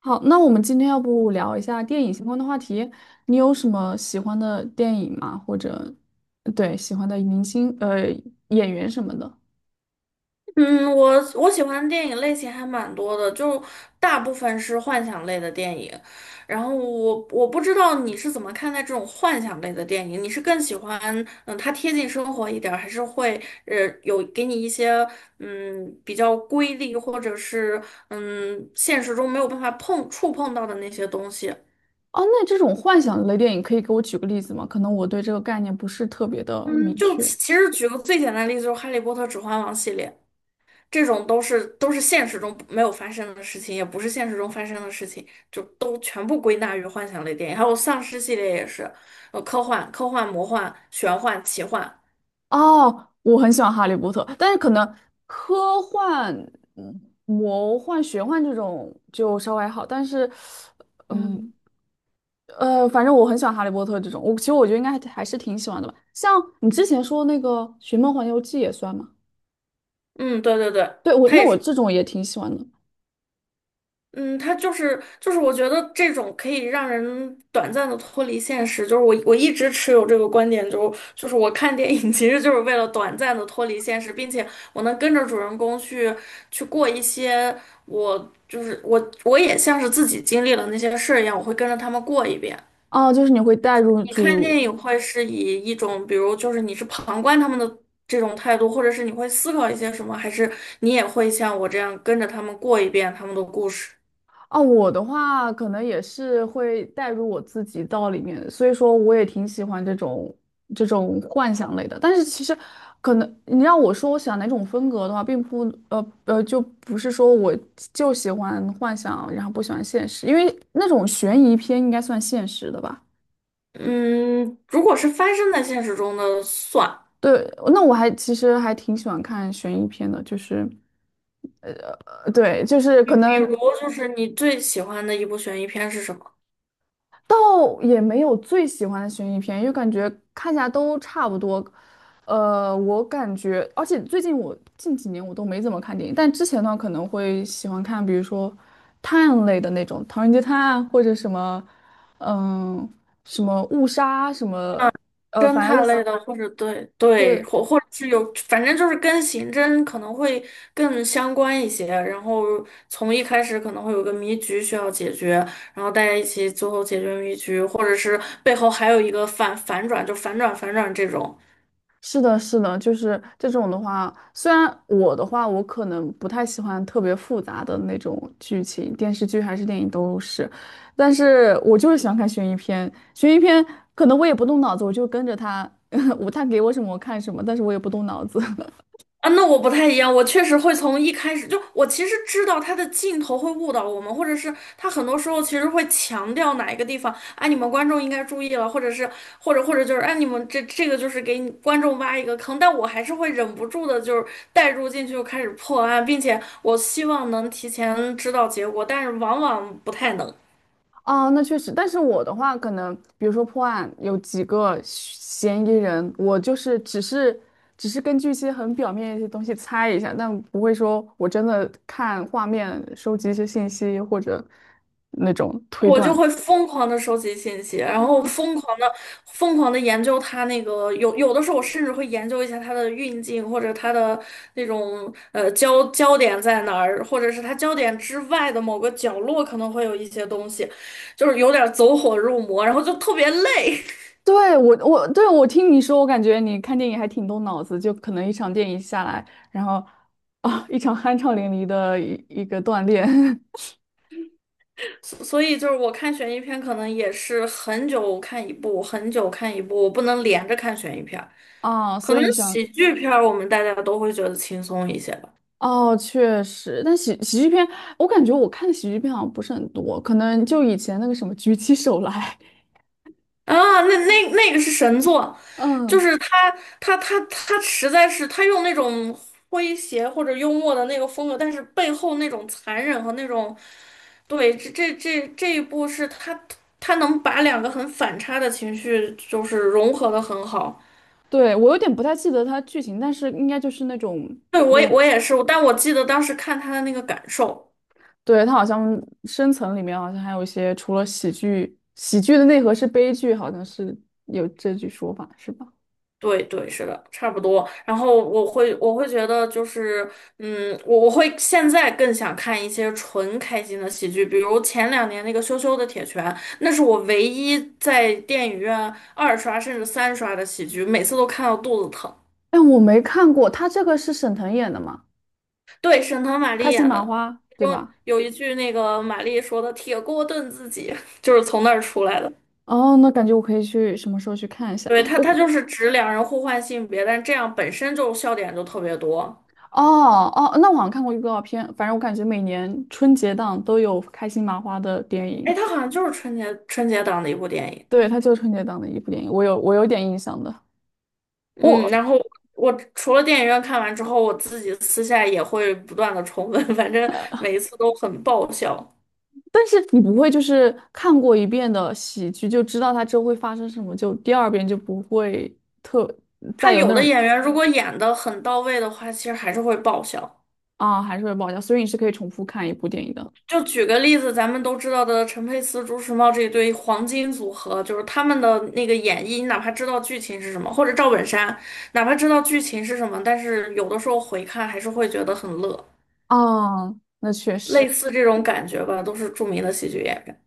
好，那我们今天要不聊一下电影相关的话题？你有什么喜欢的电影吗？或者，对，喜欢的明星、演员什么的？嗯，我喜欢的电影类型还蛮多的，就大部分是幻想类的电影。然后我不知道你是怎么看待这种幻想类的电影，你是更喜欢它贴近生活一点儿，还是会呃有给你一些比较瑰丽或者是现实中没有办法碰到的那些东西？哦，那这种幻想类电影可以给我举个例子吗？可能我对这个概念不是特别的嗯，明就确。其实举个最简单的例子，就是《哈利波特》《指环王》系列。这种都是现实中没有发生的事情，也不是现实中发生的事情，就都全部归纳于幻想类电影。还有丧尸系列也是，科幻、魔幻、玄幻、奇幻，哦，我很喜欢《哈利波特》，但是可能科幻、魔幻、玄幻这种就稍微还好，但是，嗯，嗯，反正我很喜欢《哈利波特》这种，我其实觉得应该还是挺喜欢的吧。像你之前说那个《寻梦环游记》也算吗？嗯，对对对，对，我它那也我是。这种也挺喜欢的。嗯，他就是，我觉得这种可以让人短暂的脱离现实，就是我一直持有这个观点，就是我看电影其实就是为了短暂的脱离现实，并且我能跟着主人公去去过一些，我就是我也像是自己经历了那些事儿一样，我会跟着他们过一遍。哦，就是你会带入你看电主，影会是以一种，比如就是你是旁观他们的这种态度，或者是你会思考一些什么，还是你也会像我这样跟着他们过一遍他们的故事？哦，我的话可能也是会带入我自己到里面，所以说我也挺喜欢这种幻想类的。但是其实可能你让我说我喜欢哪种风格的话，并不就不是说我就喜欢幻想，然后不喜欢现实，因为那种悬疑片应该算现实的吧。嗯，如果是发生在现实中的算。对，那我其实还挺喜欢看悬疑片的，就是，呃，对，就是比可比能如就是你最喜欢的一部悬疑片是什么？倒也没有最喜欢的悬疑片，因为感觉看起来都差不多。我感觉，而且最近近几年我都没怎么看电影，但之前的话可能会喜欢看，比如说探案类的那种《唐人街探案》或者什么，嗯，什么误杀什么，侦反正类探似，类的，或者对对，对，或者是有，反正就是跟刑侦可能会更相关一些。然后从一开始可能会有个谜局需要解决，然后大家一起最后解决谜局，或者是背后还有一个反转，就反转这种。是的，是的，就是这种的话，虽然我的话，我可能不太喜欢特别复杂的那种剧情，电视剧还是电影都是，但是我就是喜欢看悬疑片。悬疑片可能我也不动脑子，我就跟着他，我他给我什么我看什么，但是我也不动脑子。啊，那我不太一样，我确实会从一开始就，我其实知道他的镜头会误导我们，或者是他很多时候其实会强调哪一个地方，啊，你们观众应该注意了，或者是或者或者就是，哎，你们这个就是给你观众挖一个坑，但我还是会忍不住的，就是带入进去就开始破案，并且我希望能提前知道结果，但是往往不太能。哦，那确实，但是我的话，可能比如说破案有几个嫌疑人，我就是只是根据一些很表面的一些东西猜一下，但不会说我真的看画面收集一些信息或者那种推我就断。会疯狂的收集信息，然后啊，疯狂的研究它那个，有的时候我甚至会研究一下它的运镜或者它的那种焦点在哪儿，或者是它焦点之外的某个角落可能会有一些东西，就是有点走火入魔，然后就特别累。对，我听你说，我感觉你看电影还挺动脑子，就可能一场电影下来，然后啊，一场酣畅淋漓的一个锻炼 所以就是我看悬疑片可能也是很久看一部，很久看一部，我不能连着看悬疑片儿。啊，可所能以你想。喜剧片儿我们大家都会觉得轻松一些吧。哦，确实，但喜剧片,我感觉我看的喜剧片好像不是很多，可能就以前那个什么《举起手来》，啊，那个是神作，就嗯，是他他实在是他用那种诙谐或者幽默的那个风格，但是背后那种残忍和那种，对，这一部是他他能把两个很反差的情绪就是融合的很好。对，我有点不太记得它剧情，但是应该就是那种，对，我也是，但我记得当时看他的那个感受。对，它好像深层里面好像还有一些，除了喜剧，喜剧的内核是悲剧，好像是有这句说法，是吧？对对，是的，差不多。然后我会觉得就是，嗯，我我会现在更想看一些纯开心的喜剧，比如前两年那个《羞羞的铁拳》，那是我唯一在电影院二刷甚至三刷的喜剧，每次都看到肚子疼。但我没看过，它这个是沈腾演的嘛，对，沈腾、马开丽心演麻的，花，其对中吧？有一句那个马丽说的"铁锅炖自己"，就是从那儿出来的。哦，那感觉我可以去什么时候去看一下。对，他他我。就是指两人互换性别，但这样本身就笑点就特别多。哦哦，那我好像看过预告片，反正我感觉每年春节档都有开心麻花的电哎，影，他好像就是春节档的一部电影。对，它就是春节档的一部电影，我有点印象的。嗯，我，然后我除了电影院看完之后，我自己私下也会不断的重温，反正每一次都很爆笑。但是你不会就是看过一遍的喜剧就知道它之后会发生什么，就第二遍就不会特他再有有那的种演员如果演的很到位的话，其实还是会爆笑。啊还是会爆笑，所以你是可以重复看一部电影的。就举个例子，咱们都知道的陈佩斯、朱时茂这一对黄金组合，就是他们的那个演绎，你哪怕知道剧情是什么，或者赵本山，哪怕知道剧情是什么，但是有的时候回看还是会觉得很乐。啊，那确类实。似这种感觉吧，都是著名的喜剧演员。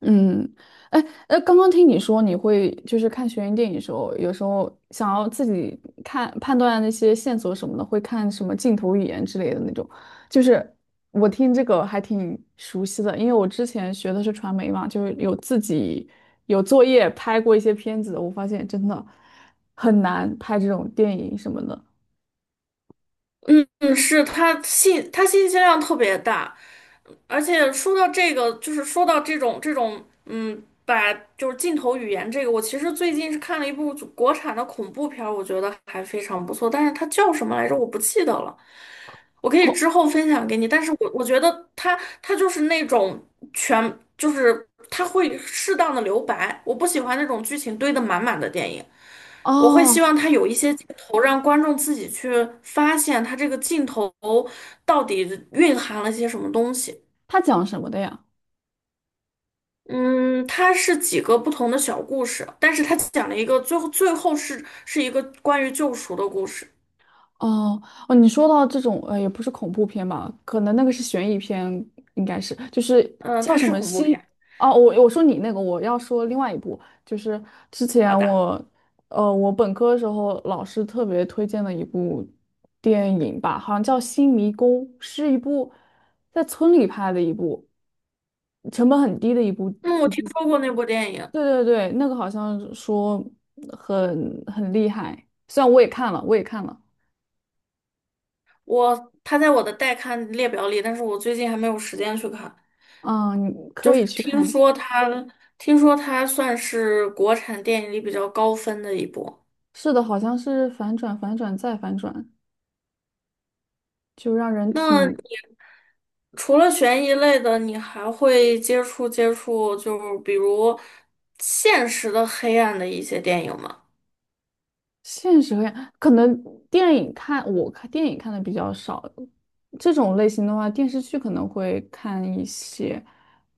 嗯，哎，刚刚听你说你会就是看悬疑电影的时候，有时候想要自己看判断那些线索什么的，会看什么镜头语言之类的那种。就是我听这个还挺熟悉的，因为我之前学的是传媒嘛，就是有自己有作业拍过一些片子，我发现真的很难拍这种电影什么的。嗯，是他他信息量特别大，而且说到这个，就是说到这种，嗯，把就是镜头语言这个，我其实最近是看了一部国产的恐怖片儿我觉得还非常不错，但是它叫什么来着？我不记得了，我可以恐，之后分享给你。但是我觉得它它就是那种全就是它会适当的留白，我不喜欢那种剧情堆得满满的电影。我会希望哦，它有一些镜头，让观众自己去发现它这个镜头到底蕴含了些什么东西。他讲什么的呀？嗯，它是几个不同的小故事，但是它讲了一个最后是一个关于救赎的故事。哦哦，你说到这种也不是恐怖片吧？可能那个是悬疑片，应该是就是嗯，叫它什是么恐怖心片。哦，我说你那个，我要说另外一部，就是之前好的。我我本科的时候老师特别推荐的一部电影吧，好像叫《新迷宫》，是一部在村里拍的一部，成本很低的一部嗯，我一听部，说过那部电影，对对对，那个好像说很厉害，虽然我也看了，我也看了。它在我的待看列表里，但是我最近还没有时间去看。嗯，你可就是以去听看一下。说它，听说它算是国产电影里比较高分的一部。是的，好像是反转、反转再反转，就让人挺那除了悬疑类的，你还会接触，就是比如现实的黑暗的一些电影吗？现实和呀。可能电影看，我看电影看的比较少，这种类型的话，电视剧可能会看一些。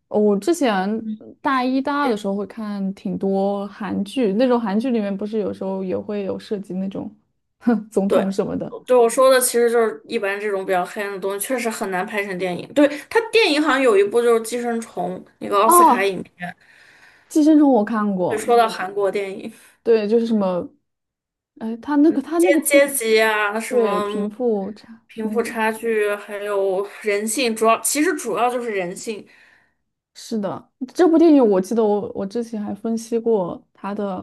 哦我之前大一、大二的时候会看挺多韩剧，那种韩剧里面不是有时候也会有涉及那种 总对，统什么的。对我说的其实就是一般这种比较黑暗的东西，确实很难拍成电影。对，它电影好像有一部就是《寄生虫》，那个奥斯卡哦，影片，《寄生虫》我看就过，说到韩国电影，对，就是什么，哎，他那个他阶那个电阶影。级啊，什对，么贫富差贫富那个差距，还有人性，主要其实主要就是人性。是的，这部电影我记得我之前还分析过它的，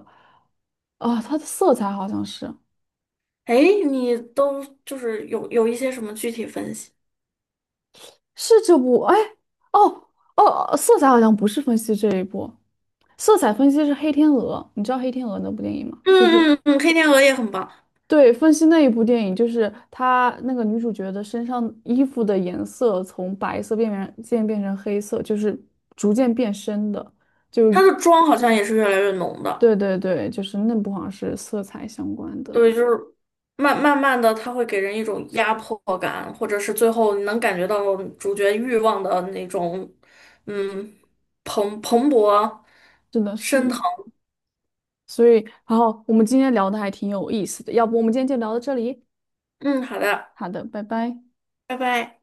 啊、它的色彩好像是哎，你都就是有一些什么具体分析？是这部，哎，哦哦，色彩好像不是分析这一部，色彩分析是《黑天鹅》，你知道《黑天鹅》那部电影吗？就是嗯嗯嗯，《黑天鹅》也很棒，对，分析那一部电影，就是她那个女主角的身上衣服的颜色从白色变渐变成黑色，就是逐渐变深的，就。它的妆好像也是越来越浓的。对对对，就是那部好像是色彩相关的，对，就是慢慢的，它会给人一种压迫感，或者是最后你能感觉到主角欲望的那种，嗯，蓬勃是的，是升的。腾。所以，然后我们今天聊的还挺有意思的，要不我们今天就聊到这里？嗯，好的，好的，拜拜。拜拜。